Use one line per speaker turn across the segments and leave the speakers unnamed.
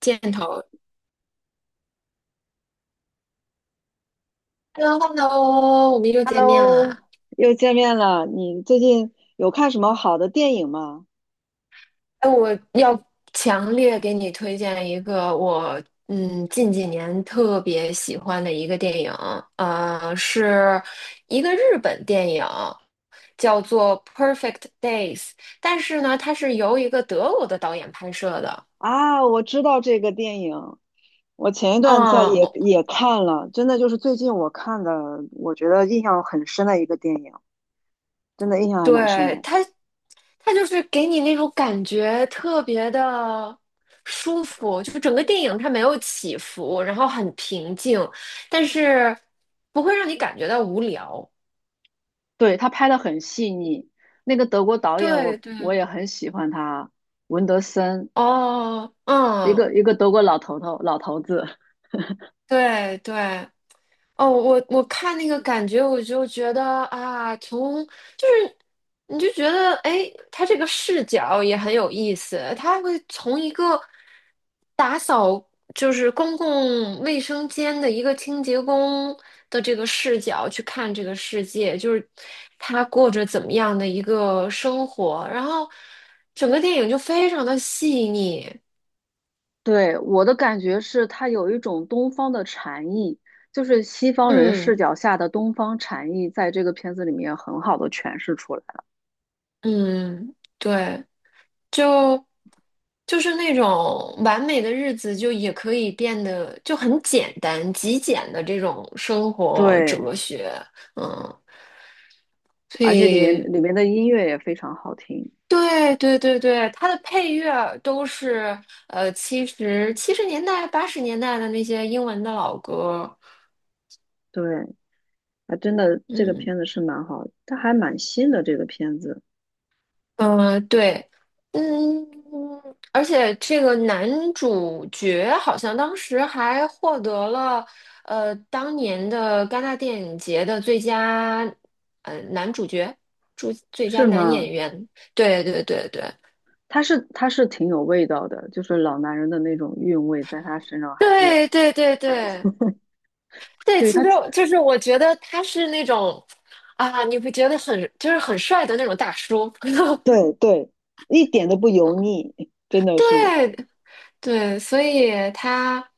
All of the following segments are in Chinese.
箭头。Hello，Hello，我们又见面
Hello，
了。
又见面了。你最近有看什么好的电影吗？
哎，我要强烈给你推荐一个我近几年特别喜欢的一个电影，是一个日本电影，叫做《Perfect Days》,但是呢，它是由一个德国的导演拍摄的。
啊，我知道这个电影，我前一段在也
嗯，
也看了，真的就是最近我看的，我觉得印象很深的一个电影，真的印象还蛮深
对，
的。
它就是给你那种感觉特别的舒服，就是整个电影它没有起伏，然后很平静，但是不会让你感觉到无聊。
对，他拍的很细腻，那个德国导演
对
我
对。
我也很喜欢他，文德森，
哦，
一
嗯，
个一个德国老头老头子。
对对，哦，我看那个感觉，我就觉得啊，从就是你就觉得，哎，他这个视角也很有意思，他会从一个打扫就是公共卫生间的一个清洁工的这个视角去看这个世界，就是他过着怎么样的一个生活，然后整个电影就非常的细腻，
对，我的感觉是，它有一种东方的禅意，就是西方人视
嗯
角下的东方禅意，在这个片子里面很好的诠释出来了。
嗯，对。就就是那种完美的日子，就也可以变得就很简单、极简的这种生活
对，
哲学，嗯，所
而且里面
以
里面的音乐也非常好听。
对对对对，它的配乐都是七十年代、八十年代的那些英文的老歌，
对，啊，真的，这个
嗯。
片子是蛮好，它还蛮新的。这个片子
对，嗯，而且这个男主角好像当时还获得了当年的戛纳电影节的呃男主角，最佳
是
男
吗？
演员。对对对对
它是挺有味道的，就是老男人的那种韵味，在他身上还是
对对对对对，
对
其
他，
实就是我觉得他是那种啊，你会觉得很就是很帅的那种大叔。
对对，一点都不油腻，真的是。
对对，所以他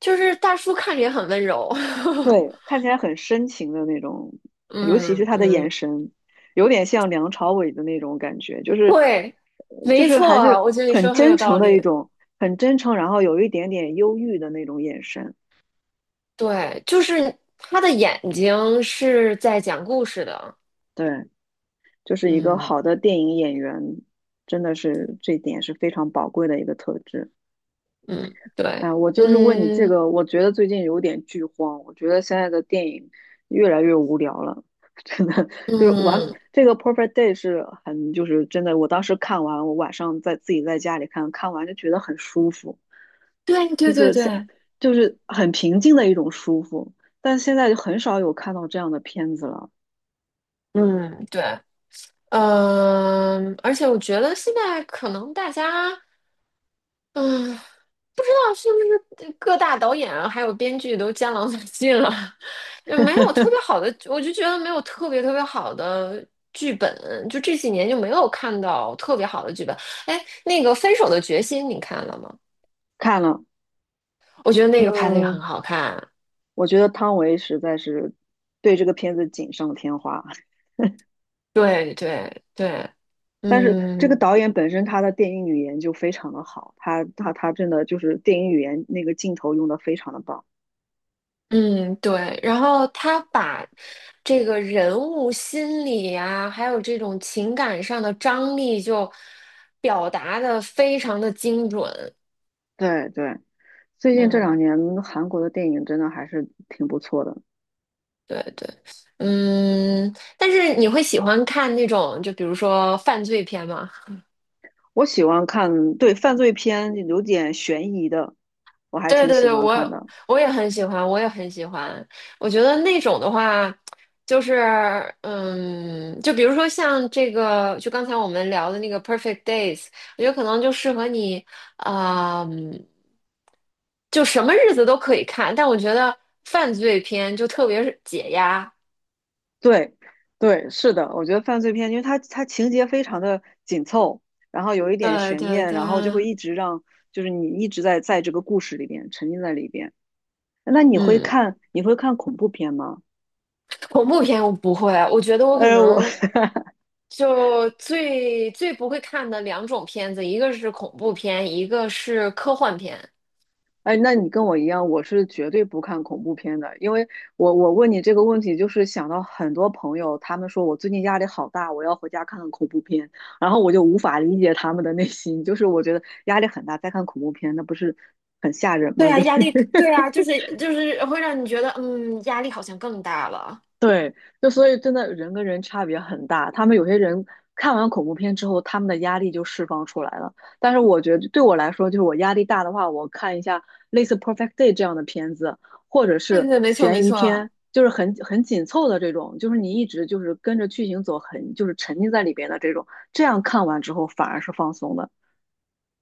就是大叔看着也很温柔。
对，看起来很深情的那种，尤其是
嗯
他的眼
嗯，
神，有点像梁朝伟的那种感觉，就是
对，
就
没
是
错
还
啊，
是
我觉得你说
很
得很
真
有
诚
道
的一
理。
种，很真诚，然后有一点点忧郁的那种眼神。
对，就是他的眼睛是在讲故事的。
对，就是一个
嗯
好的电影演员，真的是这一点是非常宝贵的一个特质。
嗯，对，
哎，我就是问你这
嗯
个，我觉得最近有点剧荒，我觉得现在的电影越来越无聊了，真的就是完
嗯，
这个《Perfect Day》是很就是真的，我当时看完，我晚上在自己在家里看，看完就觉得很舒服，
对
就
对对
是现
对，
就是很平静的一种舒服，但现在就很少有看到这样的片子了。
嗯对，嗯，而且我觉得现在可能大家。嗯，哦是不是各大导演啊还有编剧都江郎才尽了？就没有特别 好的，我就觉得没有特别好的剧本，就这几年就没有看到特别好的剧本。哎，那个《分手的决心》你看了吗？
看了，
我觉得那个拍的也很
嗯，
好看。
我觉得汤唯实在是对这个片子锦上添花。
对对对，
但是这个
嗯
导演本身他的电影语言就非常的好，他真的就是电影语言那个镜头用的非常的棒。
嗯对。然后他把这个人物心理啊，还有这种情感上的张力就表达的非常的精准。
对对，最近这两
嗯，
年韩国的电影真的还是挺不错的，
对对，嗯，但是你会喜欢看那种，就比如说犯罪片吗？
我喜欢看，对，犯罪片有点悬疑的，我 还
对
挺
对
喜
对，
欢
我
看
也
的。
我也很喜欢，我也很喜欢。我觉得那种的话，就是嗯，就比如说像这个，就刚才我们聊的那个《Perfect Days》,我觉得可能就适合你，啊嗯就什么日子都可以看。但我觉得犯罪片就特别是解压。
对对，是的，我觉得犯罪片，因为它情节非常的紧凑，然后有一点
对
悬
对
念，
对，
然后就会一直让就是你一直在这个故事里边沉浸在里边。那你会
嗯。
看你会看恐怖片吗？
恐怖片我不会，我觉得我可
呃，我
能 就最不会看的两种片子，一个是恐怖片，一个是科幻片。
哎，那你跟我一样，我是绝对不看恐怖片的，因为我问你这个问题，就是想到很多朋友，他们说我最近压力好大，我要回家看看恐怖片，然后我就无法理解他们的内心，就是我觉得压力很大，再看恐怖片，那不是很吓人
对
吗？
啊，
就是
压力，对啊，就是会让你觉得，嗯，压力好像更大了。
对，就所以真的人跟人差别很大。他们有些人看完恐怖片之后，他们的压力就释放出来了。但是我觉得对我来说，就是我压力大的话，我看一下类似《Perfect Day》这样的片子，或者
对
是
对，没错
悬
没
疑
错。
片，就是很紧凑的这种，就是你一直就是跟着剧情走很，就是沉浸在里边的这种，这样看完之后反而是放松的。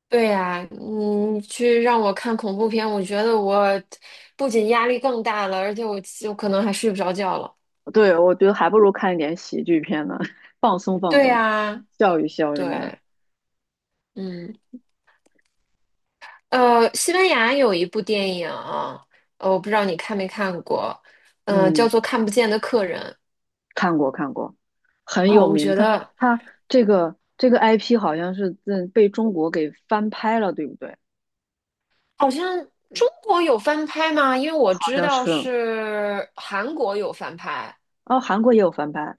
对呀，你去让我看恐怖片，我觉得我不仅压力更大了，而且我可能还睡不着觉了。
对，我觉得还不如看一点喜剧片呢，放松放
对
松，
呀，
笑一笑什么的。
对，嗯。西班牙有一部电影，我不知道你看没看过，嗯、叫
嗯。
做《看不见的客人》
看过，很有
哦，我
名。
觉
它
得
它这个 IP 好像是嗯被中国给翻拍了，对不对？
好像中国有翻拍吗？因为我
好
知
像
道
是。
是韩国有翻拍，
哦，韩国也有翻拍，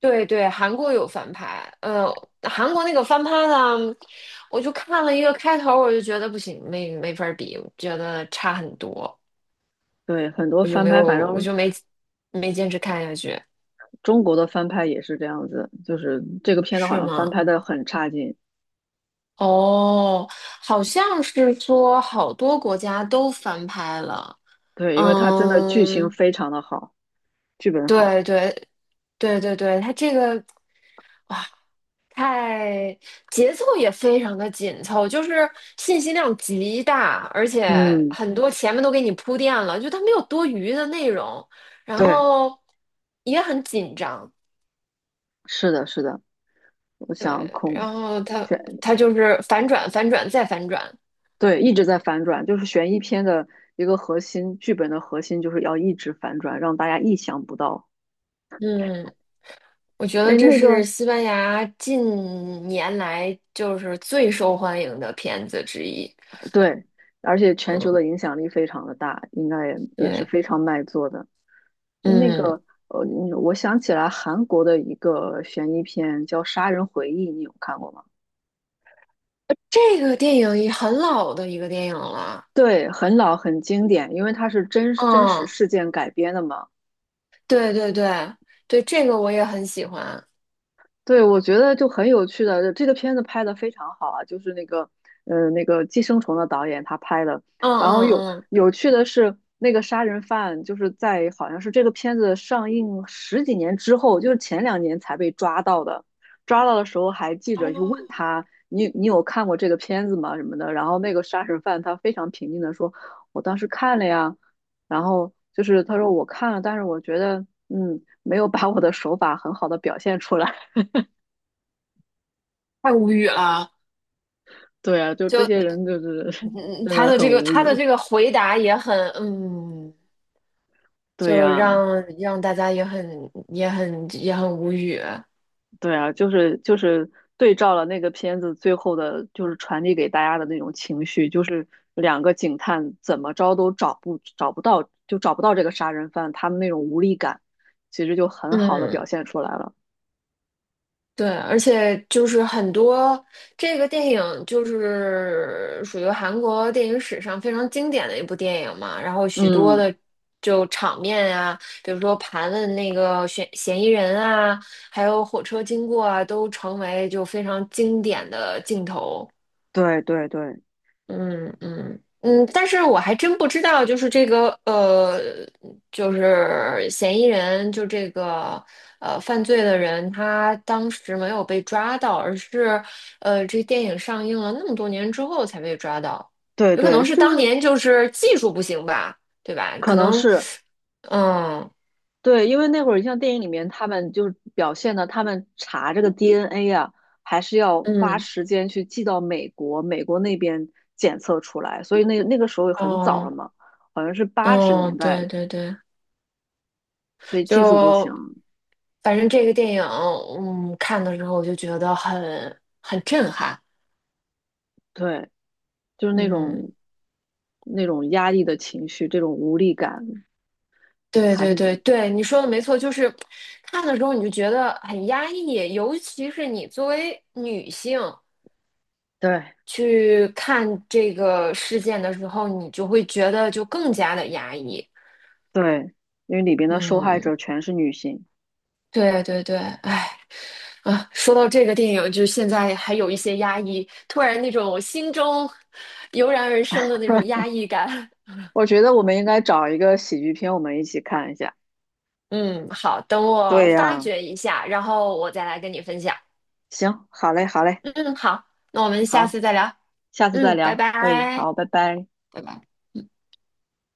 对对，韩国有翻拍，韩国那个翻拍呢，我就看了一个开头，我就觉得不行，没法儿比，我觉得差很多，
对，很多
我就
翻
没
拍，
有，
反
我
正
就没坚持看下去，
中国的翻拍也是这样子，就是这个片子好
是
像翻
吗？
拍的很差劲。
哦，好像是说好多国家都翻拍了。
对，因为它真的剧情
嗯，
非常的好，剧本好。
对对对对对，它这个太节奏也非常的紧凑，就是信息量极大，而且
嗯，
很多前面都给你铺垫了，就它没有多余的内容，然
对，
后也很紧张。
是的，是的。我想
对，
空
然后
选
它就是反转、反转再反转。
对，一直在反转，就是悬疑片的一个核心，剧本的核心就是要一直反转，让大家意想不到。
嗯。我觉得
哎，
这
那
是
个
西班牙近年来就是最受欢迎的片子之一。
对，而且全球
嗯，
的影响力非常的大，应该也是
对，
非常卖座的。哎，那
嗯，
个呃，你我想起来韩国的一个悬疑片叫《杀人回忆》，你有看过吗？
这个电影也很老的一个电影了。
对，很老很经典，因为它是真真实
嗯，
事件改编的嘛。
对对对对，这个我也很喜欢。
对，我觉得就很有趣的，这个片子拍的非常好啊，就是那个，呃，那个《寄生虫》的导演他拍的。
嗯
然后有
嗯嗯，
有趣的是，那个杀人犯就是在好像是这个片子上映十几年之后，就是前两年才被抓到的。抓到的时候还记者就问
哦，
他，你有看过这个片子吗？什么的。然后那个杀人犯他非常平静的说，我当时看了呀。然后就是他说我看了，但是我觉得嗯没有把我的手法很好的表现出来。
太无语了。
对啊，就这
就
些
嗯，
人就是
嗯
真的很无
他的
语。
这个回答也很嗯，
对
就
呀，
让让大家也很无语。
对呀，就是就是对照了那个片子最后的，就是传递给大家的那种情绪，就是两个警探怎么着都找不到，就找不到这个杀人犯，他们那种无力感，其实就很好的表
嗯。
现出来了。
对，而且就是很多这个电影就是属于韩国电影史上非常经典的一部电影嘛，然后许多
嗯，
的就场面啊，比如说盘问那个嫌疑人啊，还有火车经过啊，都成为就非常经典的镜头。
对对对
嗯嗯嗯，但是我还真不知道，就是嫌疑人，就这个呃犯罪的人，他当时没有被抓到，而是这电影上映了那么多年之后才被抓到，
对
有可
对，
能是
就
当
是
年就是技术不行吧，对吧？
可
可
能
能，
是。
嗯
对，因为那会儿你像电影里面，他们就是表现的，他们查这个 DNA 啊，还是要花
嗯
时间去寄到美国，美国那边检测出来，所以那个时候很早了
哦
嘛，好像是八十
哦，
年代，
对对对，
所以技术不行，
就反正这个电影，嗯，看的时候我就觉得很震撼，
对，就是那
嗯，
种那种压抑的情绪，这种无力感，
对
还是
对对对，你说的没错，就是看的时候你就觉得很压抑，尤其是你作为女性
对
去看这个事件的时候，你就会觉得就更加的压抑，
对，因为里边的受害者
嗯，
全是女性，
对对对，哎。啊，说到这个电影，就现在还有一些压抑，突然那种心中 油然而生的那种压抑感。
我觉得我们应该找一个喜剧片，我们一起看一下。
嗯，好，等我
对
发
呀，
掘一下，然后我再来跟你分享。
行，好嘞，好嘞。
嗯，好，那我们下
好，
次再聊。
下次再
嗯，拜
聊。哎，
拜。
好，拜拜。
拜拜。